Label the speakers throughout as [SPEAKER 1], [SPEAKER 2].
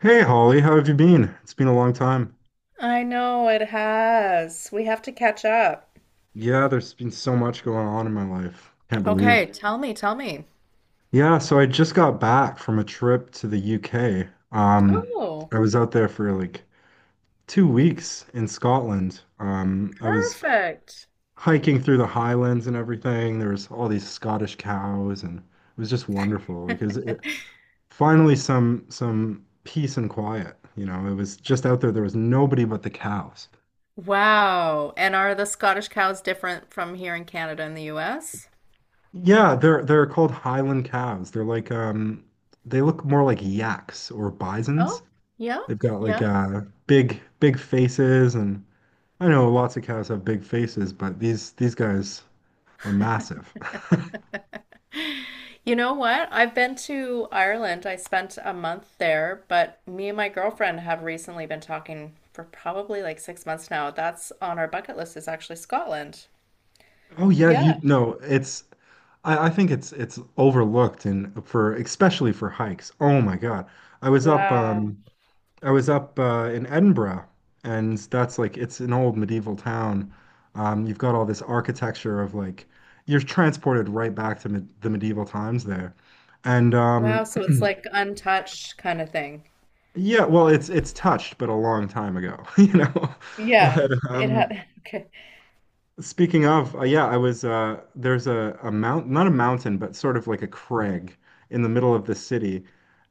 [SPEAKER 1] Hey Holly, how have you been? It's been a long time.
[SPEAKER 2] I know it has. We have to catch up.
[SPEAKER 1] Yeah, there's been so much going on in my life. Can't believe.
[SPEAKER 2] Okay, tell me, tell me.
[SPEAKER 1] Yeah, so I just got back from a trip to the UK.
[SPEAKER 2] Oh,
[SPEAKER 1] I was out there for like 2 weeks in Scotland. I was
[SPEAKER 2] perfect.
[SPEAKER 1] hiking through the Highlands and everything. There was all these Scottish cows, and it was just wonderful because it finally some peace and quiet. You know, it was just out there. There was nobody but the cows.
[SPEAKER 2] Wow. And are the Scottish cows different from here in Canada and the US?
[SPEAKER 1] Yeah, they're called Highland cows. They're like they look more like yaks or bisons.
[SPEAKER 2] Oh, yeah,
[SPEAKER 1] They've got like
[SPEAKER 2] yeah.
[SPEAKER 1] big faces, and I know lots of cows have big faces, but these guys were massive.
[SPEAKER 2] You know what? I've been to Ireland. I spent a month there, but me and my girlfriend have recently been talking for probably like 6 months now. That's on our bucket list, is actually Scotland.
[SPEAKER 1] Oh yeah, you
[SPEAKER 2] Yeah.
[SPEAKER 1] no, I think it's overlooked and for especially for hikes. Oh my God. I was up
[SPEAKER 2] Wow.
[SPEAKER 1] um I was up in Edinburgh, and that's like it's an old medieval town. You've got all this architecture of like you're transported right back to med the medieval times there, and
[SPEAKER 2] Wow,
[SPEAKER 1] um,
[SPEAKER 2] so it's like untouched kind of thing.
[SPEAKER 1] yeah, well, it's touched, but a long time ago, you know.
[SPEAKER 2] Yeah,
[SPEAKER 1] But
[SPEAKER 2] it had. Okay.
[SPEAKER 1] Speaking of, yeah, I was there's a mount not a mountain, but sort of like a crag in the middle of the city.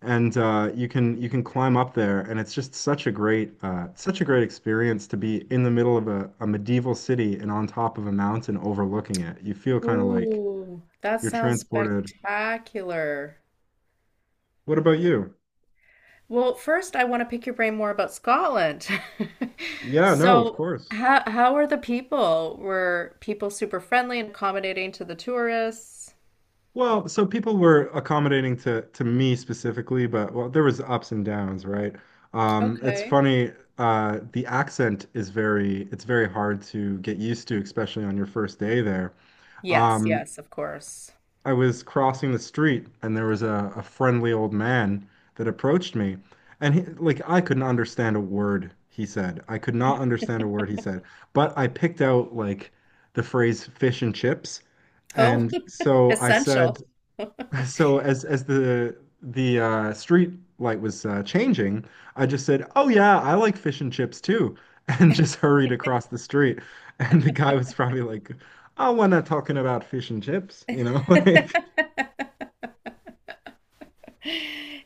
[SPEAKER 1] And you can climb up there, and it's just such a great experience to be in the middle of a medieval city and on top of a mountain overlooking it. You feel kind of like
[SPEAKER 2] Ooh, that
[SPEAKER 1] you're
[SPEAKER 2] sounds
[SPEAKER 1] transported.
[SPEAKER 2] spectacular.
[SPEAKER 1] What about you?
[SPEAKER 2] Well, first, I want to pick your brain more about Scotland.
[SPEAKER 1] Yeah, no, of
[SPEAKER 2] So,
[SPEAKER 1] course.
[SPEAKER 2] how are the people? Were people super friendly and accommodating to the tourists?
[SPEAKER 1] Well, so people were accommodating to me specifically, but well, there was ups and downs, right? It's
[SPEAKER 2] Okay.
[SPEAKER 1] funny, the accent is very it's very hard to get used to, especially on your first day there.
[SPEAKER 2] Yes,
[SPEAKER 1] Um,
[SPEAKER 2] yes, of course.
[SPEAKER 1] I was crossing the street, and there was a friendly old man that approached me, and he, like I couldn't understand a word he said. I could not understand a word he said, but I picked out like the phrase fish and chips.
[SPEAKER 2] Oh,
[SPEAKER 1] And so I said,
[SPEAKER 2] essential.
[SPEAKER 1] so as the street light was changing, I just said, "Oh yeah, I like fish and chips too," and just hurried across the street. And the guy was probably like, "Oh, we're not talking about fish and chips," you know, like,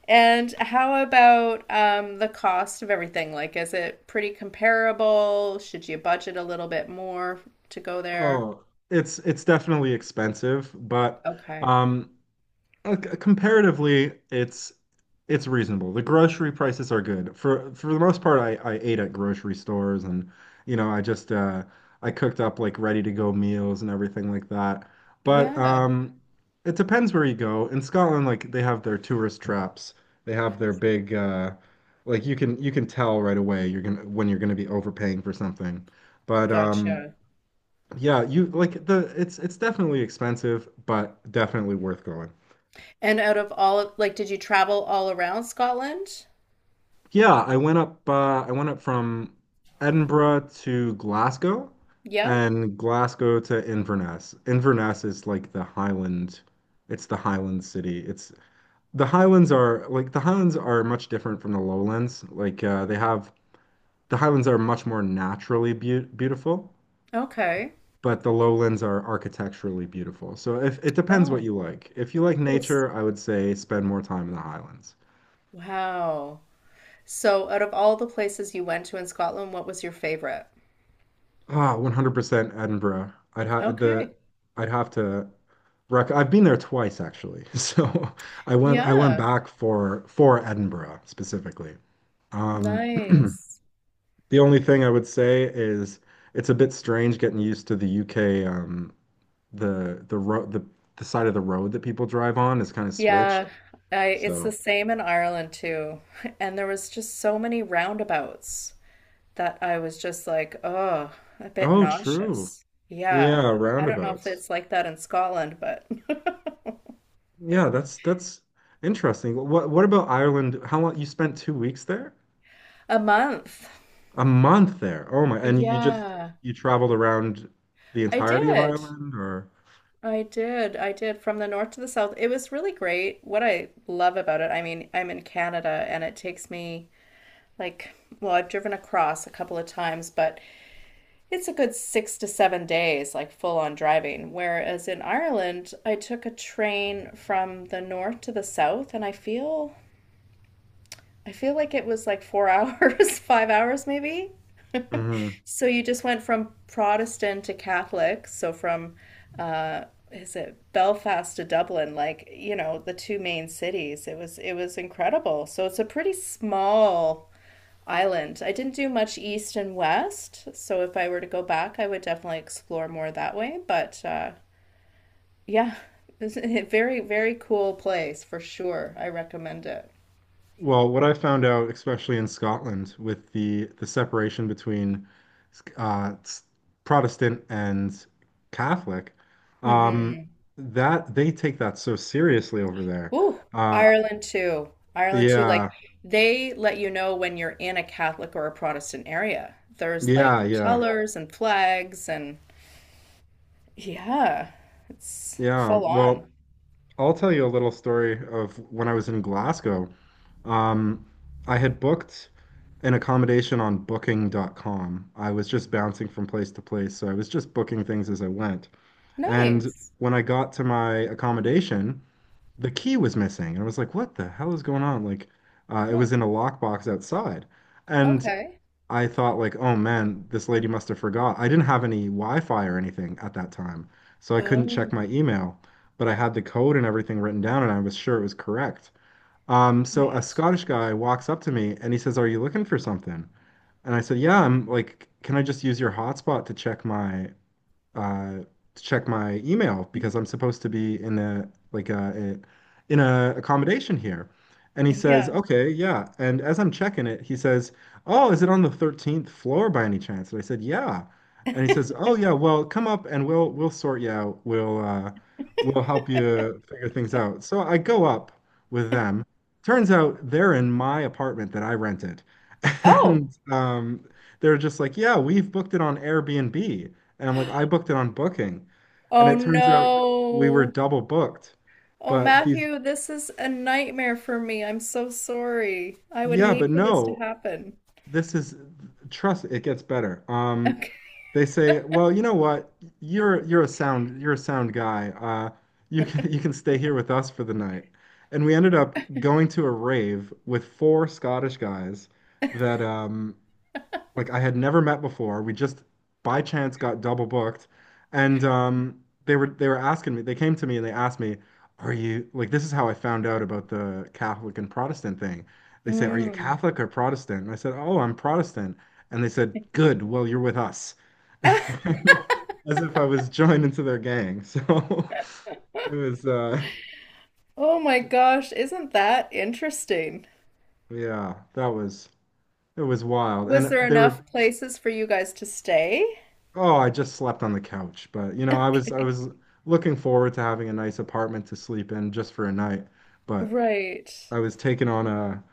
[SPEAKER 2] And how about the cost of everything? Like, is it pretty comparable? Should you budget a little bit more to go there?
[SPEAKER 1] oh, it's definitely expensive, but
[SPEAKER 2] Okay.
[SPEAKER 1] um, comparatively, it's reasonable. The grocery prices are good. For the most part, I ate at grocery stores, and you know, I cooked up like ready to go meals and everything like that. But
[SPEAKER 2] Yeah.
[SPEAKER 1] It depends where you go. In Scotland, like they have their tourist traps. They have their big like you can tell right away you're gonna when you're gonna be overpaying for something. But
[SPEAKER 2] Gotcha.
[SPEAKER 1] yeah, you like the it's definitely expensive, but definitely worth going.
[SPEAKER 2] And out of all of, like, did you travel all around Scotland?
[SPEAKER 1] Yeah, I went up from Edinburgh to Glasgow,
[SPEAKER 2] Yeah.
[SPEAKER 1] and Glasgow to Inverness. Inverness is like the Highland, it's the Highland city. It's the Highlands are much different from the Lowlands. Like they have the Highlands are much more naturally be beautiful,
[SPEAKER 2] Okay.
[SPEAKER 1] but the Lowlands are architecturally beautiful. So if it depends what
[SPEAKER 2] Oh,
[SPEAKER 1] you like. If you like
[SPEAKER 2] that's-
[SPEAKER 1] nature, I would say spend more time in the Highlands.
[SPEAKER 2] wow. So, out of all the places you went to in Scotland, what was your favorite?
[SPEAKER 1] Ah, 100% Edinburgh.
[SPEAKER 2] Okay.
[SPEAKER 1] I'd have to rec I've been there twice actually. So I went
[SPEAKER 2] Yeah.
[SPEAKER 1] back for Edinburgh specifically. Um
[SPEAKER 2] Nice.
[SPEAKER 1] the only thing I would say is it's a bit strange getting used to the UK the the road the the side of the road that people drive on is kind of switched.
[SPEAKER 2] Yeah, I, it's
[SPEAKER 1] So
[SPEAKER 2] the same in Ireland too. And there was just so many roundabouts that I was just like, oh, a bit
[SPEAKER 1] oh true.
[SPEAKER 2] nauseous. Yeah.
[SPEAKER 1] Yeah,
[SPEAKER 2] I don't know if
[SPEAKER 1] roundabouts.
[SPEAKER 2] it's like that in Scotland, but
[SPEAKER 1] Yeah, that's interesting. What about Ireland? How long you spent 2 weeks there?
[SPEAKER 2] a month.
[SPEAKER 1] A month there. Oh my. And you just
[SPEAKER 2] Yeah,
[SPEAKER 1] you traveled around the
[SPEAKER 2] I
[SPEAKER 1] entirety of
[SPEAKER 2] did.
[SPEAKER 1] Ireland or
[SPEAKER 2] I did. I did from the north to the south. It was really great. What I love about it, I mean, I'm in Canada and it takes me like, well, I've driven across a couple of times, but it's a good 6 to 7 days, like full on driving. Whereas in Ireland, I took a train from the north to the south, and I feel like it was like 4 hours, 5 hours maybe.
[SPEAKER 1] hmm.
[SPEAKER 2] So you just went from Protestant to Catholic. So from uh, is it Belfast to Dublin, like you know, the two main cities. It was incredible. So it's a pretty small island. I didn't do much east and west, so if I were to go back, I would definitely explore more that way. But yeah, it's a very, very cool place for sure. I recommend it.
[SPEAKER 1] Well, what I found out, especially in Scotland, with the separation between uh, s- Protestant and Catholic, um,
[SPEAKER 2] Hmm.
[SPEAKER 1] that they take that so seriously over there.
[SPEAKER 2] Ooh,
[SPEAKER 1] Uh,
[SPEAKER 2] Ireland too. Ireland too.
[SPEAKER 1] yeah,
[SPEAKER 2] Like they let you know when you're in a Catholic or a Protestant area. There's like
[SPEAKER 1] yeah, yeah,
[SPEAKER 2] colors and flags and yeah, it's
[SPEAKER 1] yeah.
[SPEAKER 2] full on.
[SPEAKER 1] Well, I'll tell you a little story of when I was in Glasgow. Um, I had booked. An accommodation on booking.com. I was just bouncing from place to place, so I was just booking things as I went. And
[SPEAKER 2] Nice.
[SPEAKER 1] when I got to my accommodation, the key was missing. And I was like, what the hell is going on? Like, it
[SPEAKER 2] Oh,
[SPEAKER 1] was in a lockbox outside. And
[SPEAKER 2] okay.
[SPEAKER 1] I thought like, oh man, this lady must have forgot. I didn't have any Wi-Fi or anything at that time, so I couldn't check
[SPEAKER 2] Oh,
[SPEAKER 1] my email, but I had the code and everything written down, and I was sure it was correct. So a
[SPEAKER 2] wait.
[SPEAKER 1] Scottish guy walks up to me and he says, "Are you looking for something?" And I said, "Yeah, I'm like, can I just use your hotspot uh, to check my email
[SPEAKER 2] Hmm.
[SPEAKER 1] because I'm supposed to be in a like a in a accommodation here. And he says,
[SPEAKER 2] Yeah.
[SPEAKER 1] "Okay, yeah." And as I'm checking it, he says, "Oh, is it on the 13th floor by any chance?" And I said, "Yeah." And he says, "Oh, yeah. Well, come up and we'll sort you out. We'll help you figure things out." So I go up with them. Turns out they're in my apartment that I rented,
[SPEAKER 2] Oh,
[SPEAKER 1] and they're just like, "Yeah, we've booked it on Airbnb." And I'm like, I booked it on Booking. And
[SPEAKER 2] oh
[SPEAKER 1] it turns out we were
[SPEAKER 2] no.
[SPEAKER 1] double booked.
[SPEAKER 2] Oh,
[SPEAKER 1] But these,
[SPEAKER 2] Matthew, this is a nightmare for me. I'm so sorry. I would
[SPEAKER 1] yeah, but
[SPEAKER 2] hate for this to
[SPEAKER 1] no,
[SPEAKER 2] happen.
[SPEAKER 1] this is, trust, it gets better.
[SPEAKER 2] Okay.
[SPEAKER 1] They say, well, you know what? You're a sound guy. You can stay here with us for the night. And we ended up going to a rave with 4 Scottish guys that like I had never met before. We just by chance got double booked, and they were asking me. They came to me and they asked me, "Are you like this is how I found out about the Catholic and Protestant thing?" They say, "Are you
[SPEAKER 2] Mm.
[SPEAKER 1] Catholic or Protestant?" And I said, "Oh, I'm Protestant." And they said, "Good. Well, you're with us," as if I was joined into their gang. So it was, uh,
[SPEAKER 2] Oh my gosh, isn't that interesting?
[SPEAKER 1] yeah, that was it was wild, and
[SPEAKER 2] Was there
[SPEAKER 1] they were
[SPEAKER 2] enough places for you guys to stay?
[SPEAKER 1] Oh, I just slept on the couch, but you know, I was I
[SPEAKER 2] Okay.
[SPEAKER 1] was looking forward to having a nice apartment to sleep in just for a night, but
[SPEAKER 2] Right.
[SPEAKER 1] I was taken on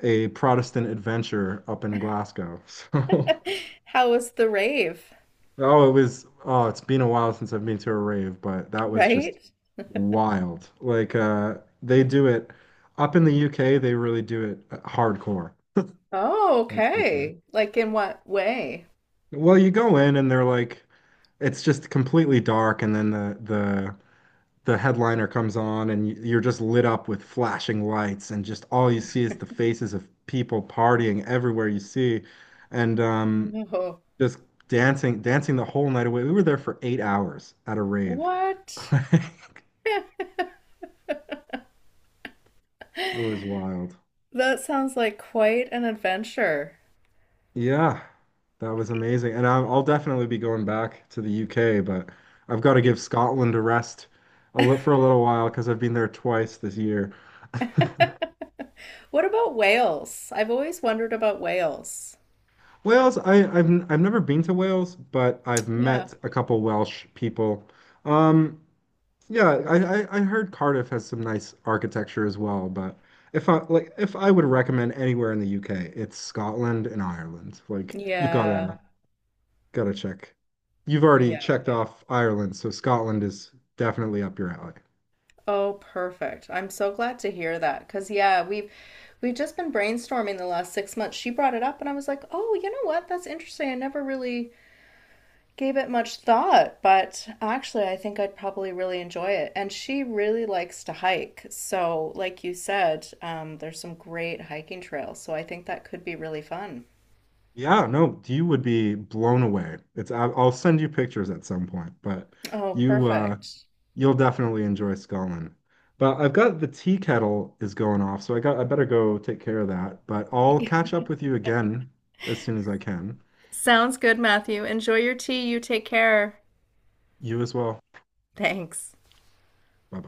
[SPEAKER 1] a Protestant adventure up in Glasgow.
[SPEAKER 2] How was the rave?
[SPEAKER 1] So, oh, it was oh, it's been a while since I've been to a rave, but that was just
[SPEAKER 2] Right?
[SPEAKER 1] wild. Like they do it up in the UK, they really do it hardcore.
[SPEAKER 2] Oh,
[SPEAKER 1] That's for sure.
[SPEAKER 2] okay. Like in what way?
[SPEAKER 1] Well, you go in and they're like it's just completely dark, and then the headliner comes on and you're just lit up with flashing lights, and just all you see is the faces of people partying everywhere you see, and
[SPEAKER 2] No.
[SPEAKER 1] just dancing the whole night away. We were there for 8 hours at a rave.
[SPEAKER 2] What?
[SPEAKER 1] Like, it was wild.
[SPEAKER 2] That sounds like quite an adventure.
[SPEAKER 1] Yeah, that was amazing. And I'll definitely be going back to the UK, but I've got to give Scotland a rest for a little while because I've been there twice this year.
[SPEAKER 2] What about Wales? I've always wondered about Wales.
[SPEAKER 1] Wales, I've never been to Wales, but I've
[SPEAKER 2] Yeah.
[SPEAKER 1] met a couple Welsh people. Um, yeah, I heard Cardiff has some nice architecture as well, but if I would recommend anywhere in the UK, it's Scotland and Ireland. Like you've gotta
[SPEAKER 2] Yeah,
[SPEAKER 1] Yeah. gotta check. You've already
[SPEAKER 2] yeah.
[SPEAKER 1] checked off Ireland, so Scotland is definitely up your alley.
[SPEAKER 2] Oh, perfect. I'm so glad to hear that because yeah, we've just been brainstorming the last 6 months. She brought it up and I was like, "Oh, you know what? That's interesting. I never really gave it much thought, but actually I think I'd probably really enjoy it." And she really likes to hike. So, like you said, there's some great hiking trails. So I think that could be really fun.
[SPEAKER 1] Yeah, no, you would be blown away. It's I'll send you pictures at some point, but
[SPEAKER 2] Oh,
[SPEAKER 1] you uh
[SPEAKER 2] perfect.
[SPEAKER 1] you'll definitely enjoy Scotland. But I've got the tea kettle is going off, so I better go take care of that. But I'll catch up with you again as soon as I can.
[SPEAKER 2] Sounds good, Matthew. Enjoy your tea. You take care.
[SPEAKER 1] You as well.
[SPEAKER 2] Thanks.
[SPEAKER 1] Bye.